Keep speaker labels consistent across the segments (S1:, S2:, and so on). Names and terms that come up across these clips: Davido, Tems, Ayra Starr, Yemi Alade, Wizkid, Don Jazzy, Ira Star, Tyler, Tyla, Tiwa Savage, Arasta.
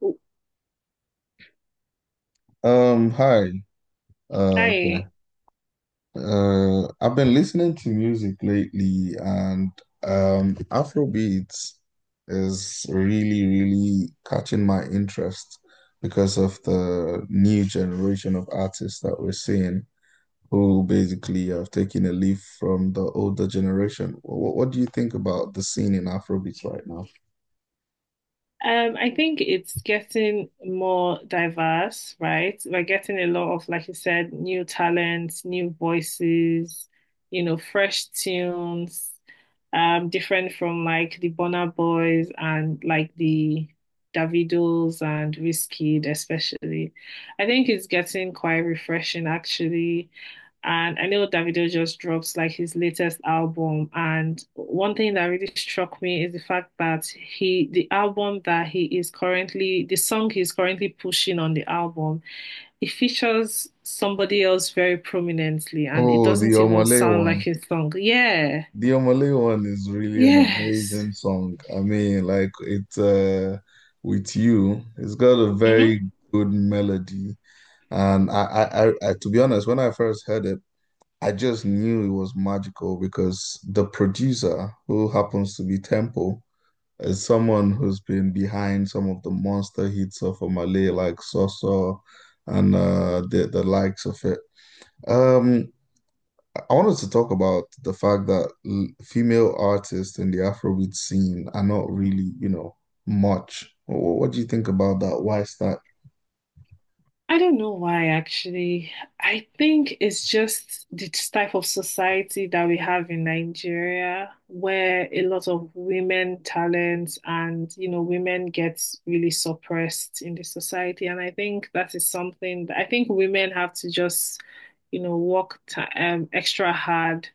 S1: Oh,
S2: Hi.
S1: hi.
S2: Okay. I've been listening to music lately, and Afrobeats is really, really catching my interest because of the new generation of artists that we're seeing who basically have taken a leaf from the older generation. What do you think about the scene in Afrobeats right now?
S1: I think it's getting more diverse, right? We're getting a lot of, like you said, new talents, new voices, fresh tunes, different from like the Bonner Boys and like the Davidos and Wizkid especially. I think it's getting quite refreshing actually. And I know Davido just drops like his latest album. And one thing that really struck me is the fact that he, the album that he is currently, the song he's currently pushing on the album, it features somebody else very prominently and it
S2: Oh, the
S1: doesn't even
S2: Omale.
S1: sound like his song. Yeah.
S2: The Omale one is really an
S1: Yes.
S2: amazing song. I mean, like it's with you, it's got a very
S1: Mm-hmm.
S2: good melody. And I, to be honest, when I first heard it, I just knew it was magical because the producer, who happens to be Tempo, is someone who's been behind some of the monster hits of Omale, like Soso and the likes of it. Um, I wanted to talk about the fact that female artists in the Afrobeat scene are not really, much. What do you think about that? Why is that?
S1: I don't know why, actually. I think it's just the type of society that we have in Nigeria, where a lot of women talents and, women gets really suppressed in the society. And I think that is something that I think women have to just, work ti extra hard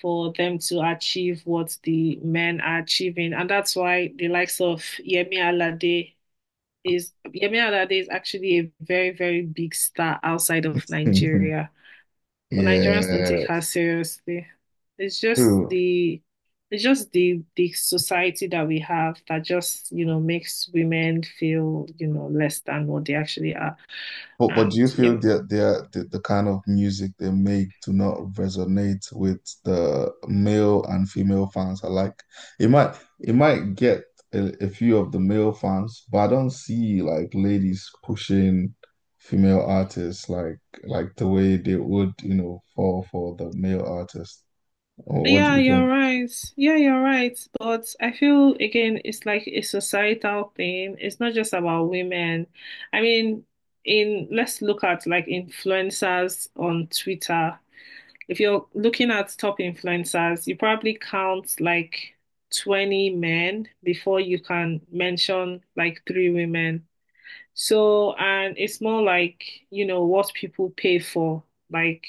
S1: for them to achieve what the men are achieving. And that's why the likes of Yemi Alade is actually a very, very big star outside of Nigeria. But Nigerians don't
S2: Yeah,
S1: take her seriously. It's just
S2: true.
S1: the it's just the society that we have that just, you know, makes women feel, less than what they actually are.
S2: But do
S1: And
S2: you feel
S1: Yemi,
S2: that the kind of music they make do not resonate with the male and female fans alike? It might get a few of the male fans, but I don't see like ladies pushing female artists like the way they would, you know, fall for the male artist. What do
S1: Yeah,
S2: you
S1: you're
S2: think?
S1: right. Yeah, you're right. But I feel again, it's like a societal thing. It's not just about women. I mean, in let's look at like influencers on Twitter. If you're looking at top influencers, you probably count like 20 men before you can mention like three women. So, and it's more like, you know, what people pay for. Like,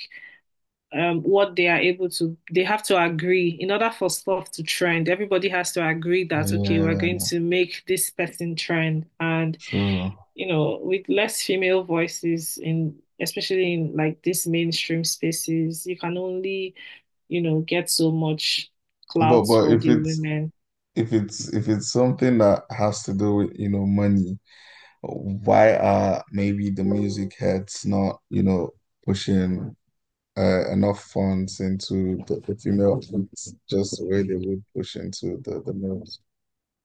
S1: what they have to agree in order for stuff to trend. Everybody has to agree that okay, we're
S2: Yeah,
S1: going to make this person trend, and
S2: sure.
S1: with less female voices in especially in like these mainstream spaces, you can only get so much
S2: But
S1: clout
S2: but
S1: for
S2: if
S1: the
S2: it's
S1: women.
S2: if it's if it's something that has to do with, you know, money. Why are maybe the music heads not, you know, pushing enough funds into the female athletes just the way they would push into the males?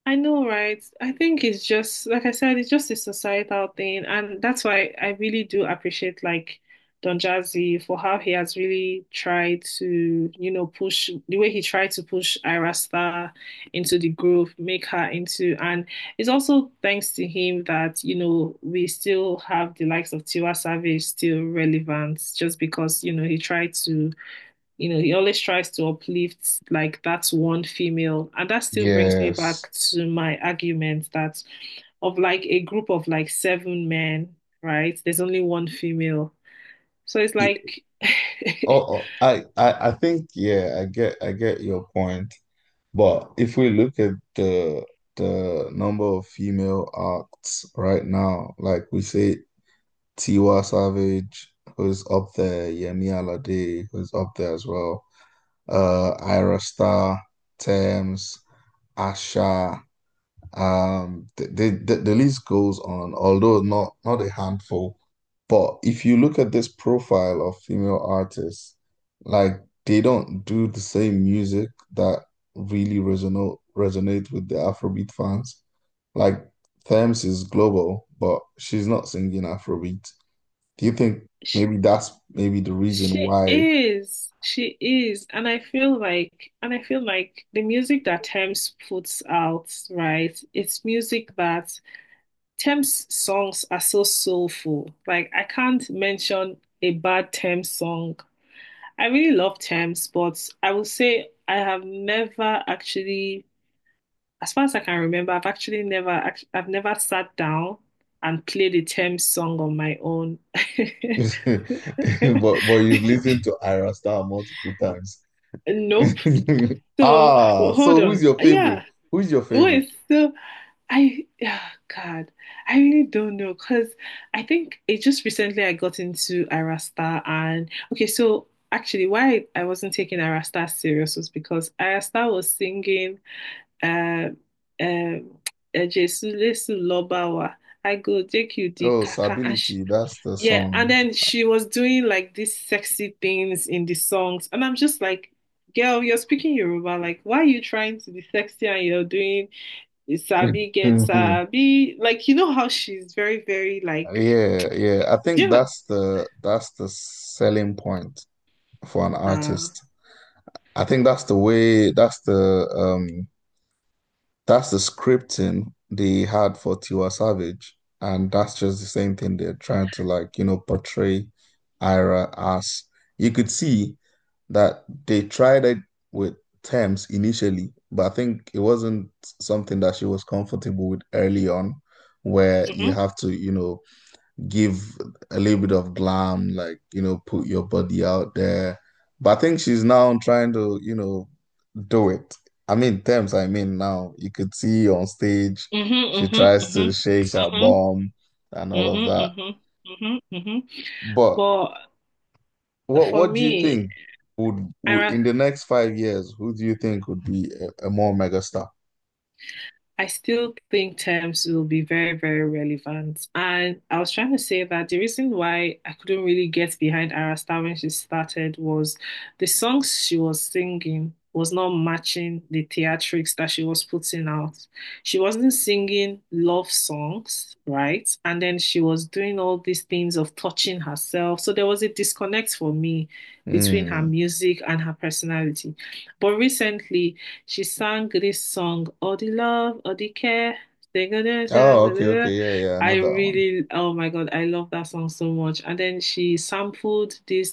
S1: I know, right? I think it's just, like I said, it's just a societal thing. And that's why I really do appreciate like Don Jazzy, for how he has really tried to, push, the way he tried to push Ira Star into the groove, make her into, and it's also thanks to him that, you know, we still have the likes of Tiwa Savage still relevant just because, he tried to you know, he always tries to uplift, like that's one female. And that still brings me
S2: Yes.
S1: back to my argument that of like a group of like seven men, right? There's only one female. So it's
S2: Y-
S1: like.
S2: Oh, oh, I think, yeah, I get your point. But if we look at the number of female acts right now, like we say Tiwa Savage, who's up there, Yemi Alade, who's up there as well. Ira Star, Thames, Asha. The list goes on, although not a handful. But if you look at this profile of female artists, like they don't do the same music that really resonate with the Afrobeat fans. Like Thames is global, but she's not singing Afrobeat. Do you think
S1: she,
S2: maybe that's maybe the reason
S1: she
S2: why?
S1: is. She is. And I feel like and I feel like the music that Tems puts out, right? It's music that Tems songs are so soulful. Like I can't mention a bad Tems song. I really love terms, but I will say I have never actually, as far as I can remember, I've never sat down and played a terms song on my own.
S2: But you've listened to Ayra Starr multiple times.
S1: Nope. So
S2: Ah, so
S1: hold
S2: who's
S1: on.
S2: your favorite?
S1: Yeah,
S2: Who's your favorite?
S1: wait. So oh God, I really don't know because I think it just recently I got into Arasta, and okay, so actually why I wasn't taking Arasta serious was because Arasta was singing uh, um "E Jesu Lesu Lobawa, I go take you the
S2: Oh,
S1: kaka," and
S2: stability. That's the
S1: yeah,
S2: song.
S1: and then she was doing like these sexy things in the songs, and I'm just like, girl, you're speaking Yoruba, like why are you trying to be sexy and you're doing you sabi get sabi. Like you know how she's very, very like
S2: Yeah, yeah. I think
S1: yeah.
S2: that's the selling point for an
S1: Nah.
S2: artist. I think um. That's the scripting they had for Tiwa Savage, and that's just the same thing they're trying to like, you know, portray Ira as. You could see that they tried it with Thames initially, but I think it wasn't something that she was comfortable with early on, where you
S1: Mm-hmm.
S2: have to, you know, give a little bit of glam, like, you know, put your body out there. But I think she's now trying to, you know, do it. I mean, Thames, I mean, now you could see on stage,
S1: Mm-hmm.
S2: she tries
S1: Mm-hmm.
S2: to shake her
S1: Mm-hmm.
S2: bum and all of
S1: Mm-hmm.
S2: that.
S1: Mm-hmm. Mm-hmm. Mm-hmm.
S2: But
S1: But
S2: what
S1: for
S2: what do you
S1: me,
S2: think
S1: I
S2: would
S1: ra-
S2: in the next 5 years, who do you think would be a more megastar?
S1: I still think terms will be very, very relevant. And I was trying to say that the reason why I couldn't really get behind Arasta when she started was the songs she was singing was not matching the theatrics that she was putting out. She wasn't singing love songs, right? And then she was doing all these things of touching herself. So there was a disconnect for me between her
S2: Hmm.
S1: music and her personality. But recently, she sang this song, "All the Love, All the Care." I
S2: Oh, okay, okay, yeah, yeah, I know that one.
S1: really, oh my God, I love that song so much. And then she sampled this.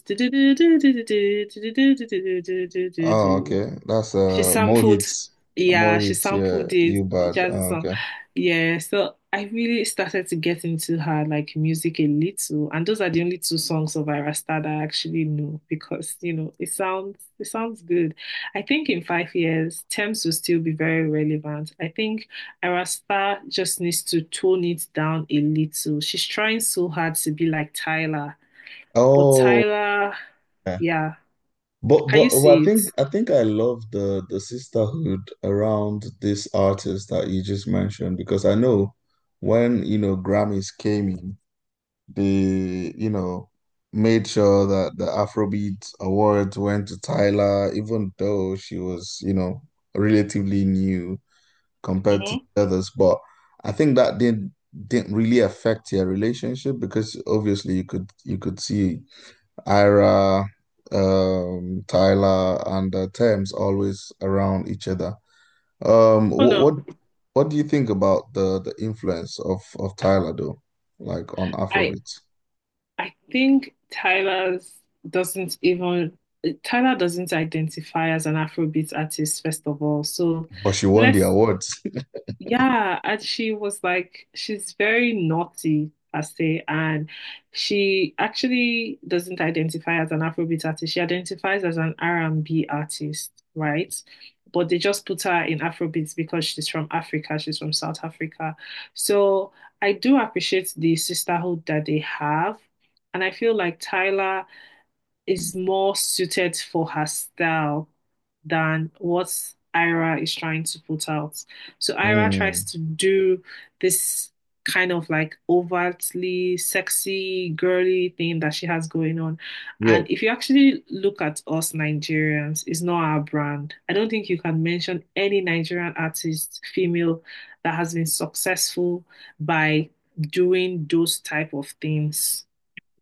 S2: Oh, okay, that's
S1: She sampled,
S2: Mohit,
S1: yeah, she
S2: Mohit, yeah,
S1: sampled this
S2: you bad.
S1: jazzy
S2: Oh,
S1: song.
S2: okay.
S1: Yeah, so I really started to get into her like music a little, and those are the only two songs of Ira Star that I actually know, because it sounds good. I think in 5 years, Thames will still be very relevant. I think Ira Star just needs to tone it down a little. She's trying so hard to be like Tyler, but
S2: Oh,
S1: Yeah,
S2: but
S1: can you
S2: I
S1: see it?
S2: think I love the sisterhood around this artist that you just mentioned because I know when you know Grammys came in, they, you know, made sure that the Afrobeat Awards went to Tyla, even though she was, you know, relatively new compared to
S1: hmm
S2: the others. But I think that didn't really affect your relationship because obviously you could see Ira, Tyler, and Thames always around each other. Um,
S1: Oh
S2: what
S1: no.
S2: what what do you think about the influence of Tyler though, like on
S1: I
S2: Afrobeats?
S1: I think doesn't even Tyler doesn't identify as an Afrobeat artist, first of all. So
S2: But she won the
S1: let's
S2: awards.
S1: yeah, and she was like, she's very naughty, I say, and she actually doesn't identify as an Afrobeat artist. She identifies as an R&B artist, right? But they just put her in Afrobeats because she's from Africa, she's from South Africa. So I do appreciate the sisterhood that they have. And I feel like Tyler is more suited for her style than what Ira is trying to put out. So Ira tries
S2: Mm,
S1: to do this kind of like overtly sexy, girly thing that she has going on.
S2: yeah,
S1: And if you actually look at us Nigerians, it's not our brand. I don't think you can mention any Nigerian artist, female, that has been successful by doing those type of things.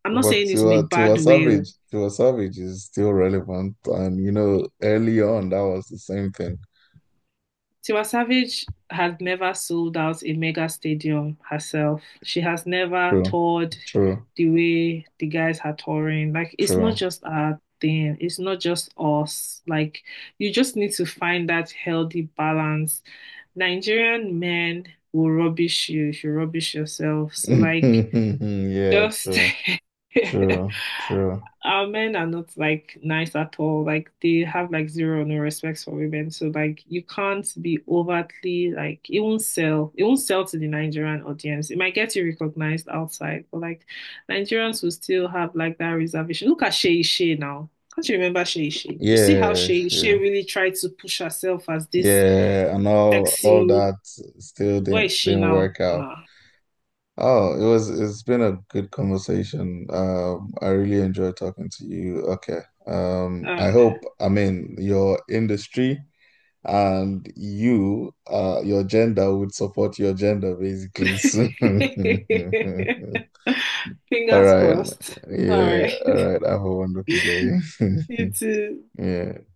S1: I'm not
S2: but
S1: saying this
S2: to
S1: in a bad way.
S2: to a savage is still relevant, and you know, early on that was the same thing.
S1: Tiwa Savage has never sold out a mega stadium herself. She has never
S2: True,
S1: toured
S2: true,
S1: the way the guys are touring. Like, it's not
S2: true.
S1: just our thing, it's not just us. Like, you just need to find that healthy balance. Nigerian men will rubbish you if you rubbish yourself. So, like,
S2: Yeah,
S1: just
S2: true, true, true.
S1: our men are not like nice at all. Like they have like zero or no respects for women. So like you can't be overtly, like, it won't sell. It won't sell to the Nigerian audience. It might get you recognized outside, but like Nigerians will still have like that reservation. Look at Shay Shay now. Can't you remember Shay Shay? You see how
S2: Yeah,
S1: Shay Shay
S2: she-
S1: really tried to push herself as this
S2: Yeah, and all
S1: sexy.
S2: that still
S1: Where
S2: didn't
S1: is she
S2: didn't
S1: now?
S2: work out.
S1: Nah.
S2: Oh, it was, it's been a good conversation. I really enjoyed talking to you. Okay.
S1: Uh,
S2: I hope, I mean, your industry and you your gender would support your gender basically soon. All
S1: Fingers
S2: right.
S1: crossed. All
S2: Yeah,
S1: right.
S2: all right. Have a wonderful day.
S1: You too.
S2: Yeah.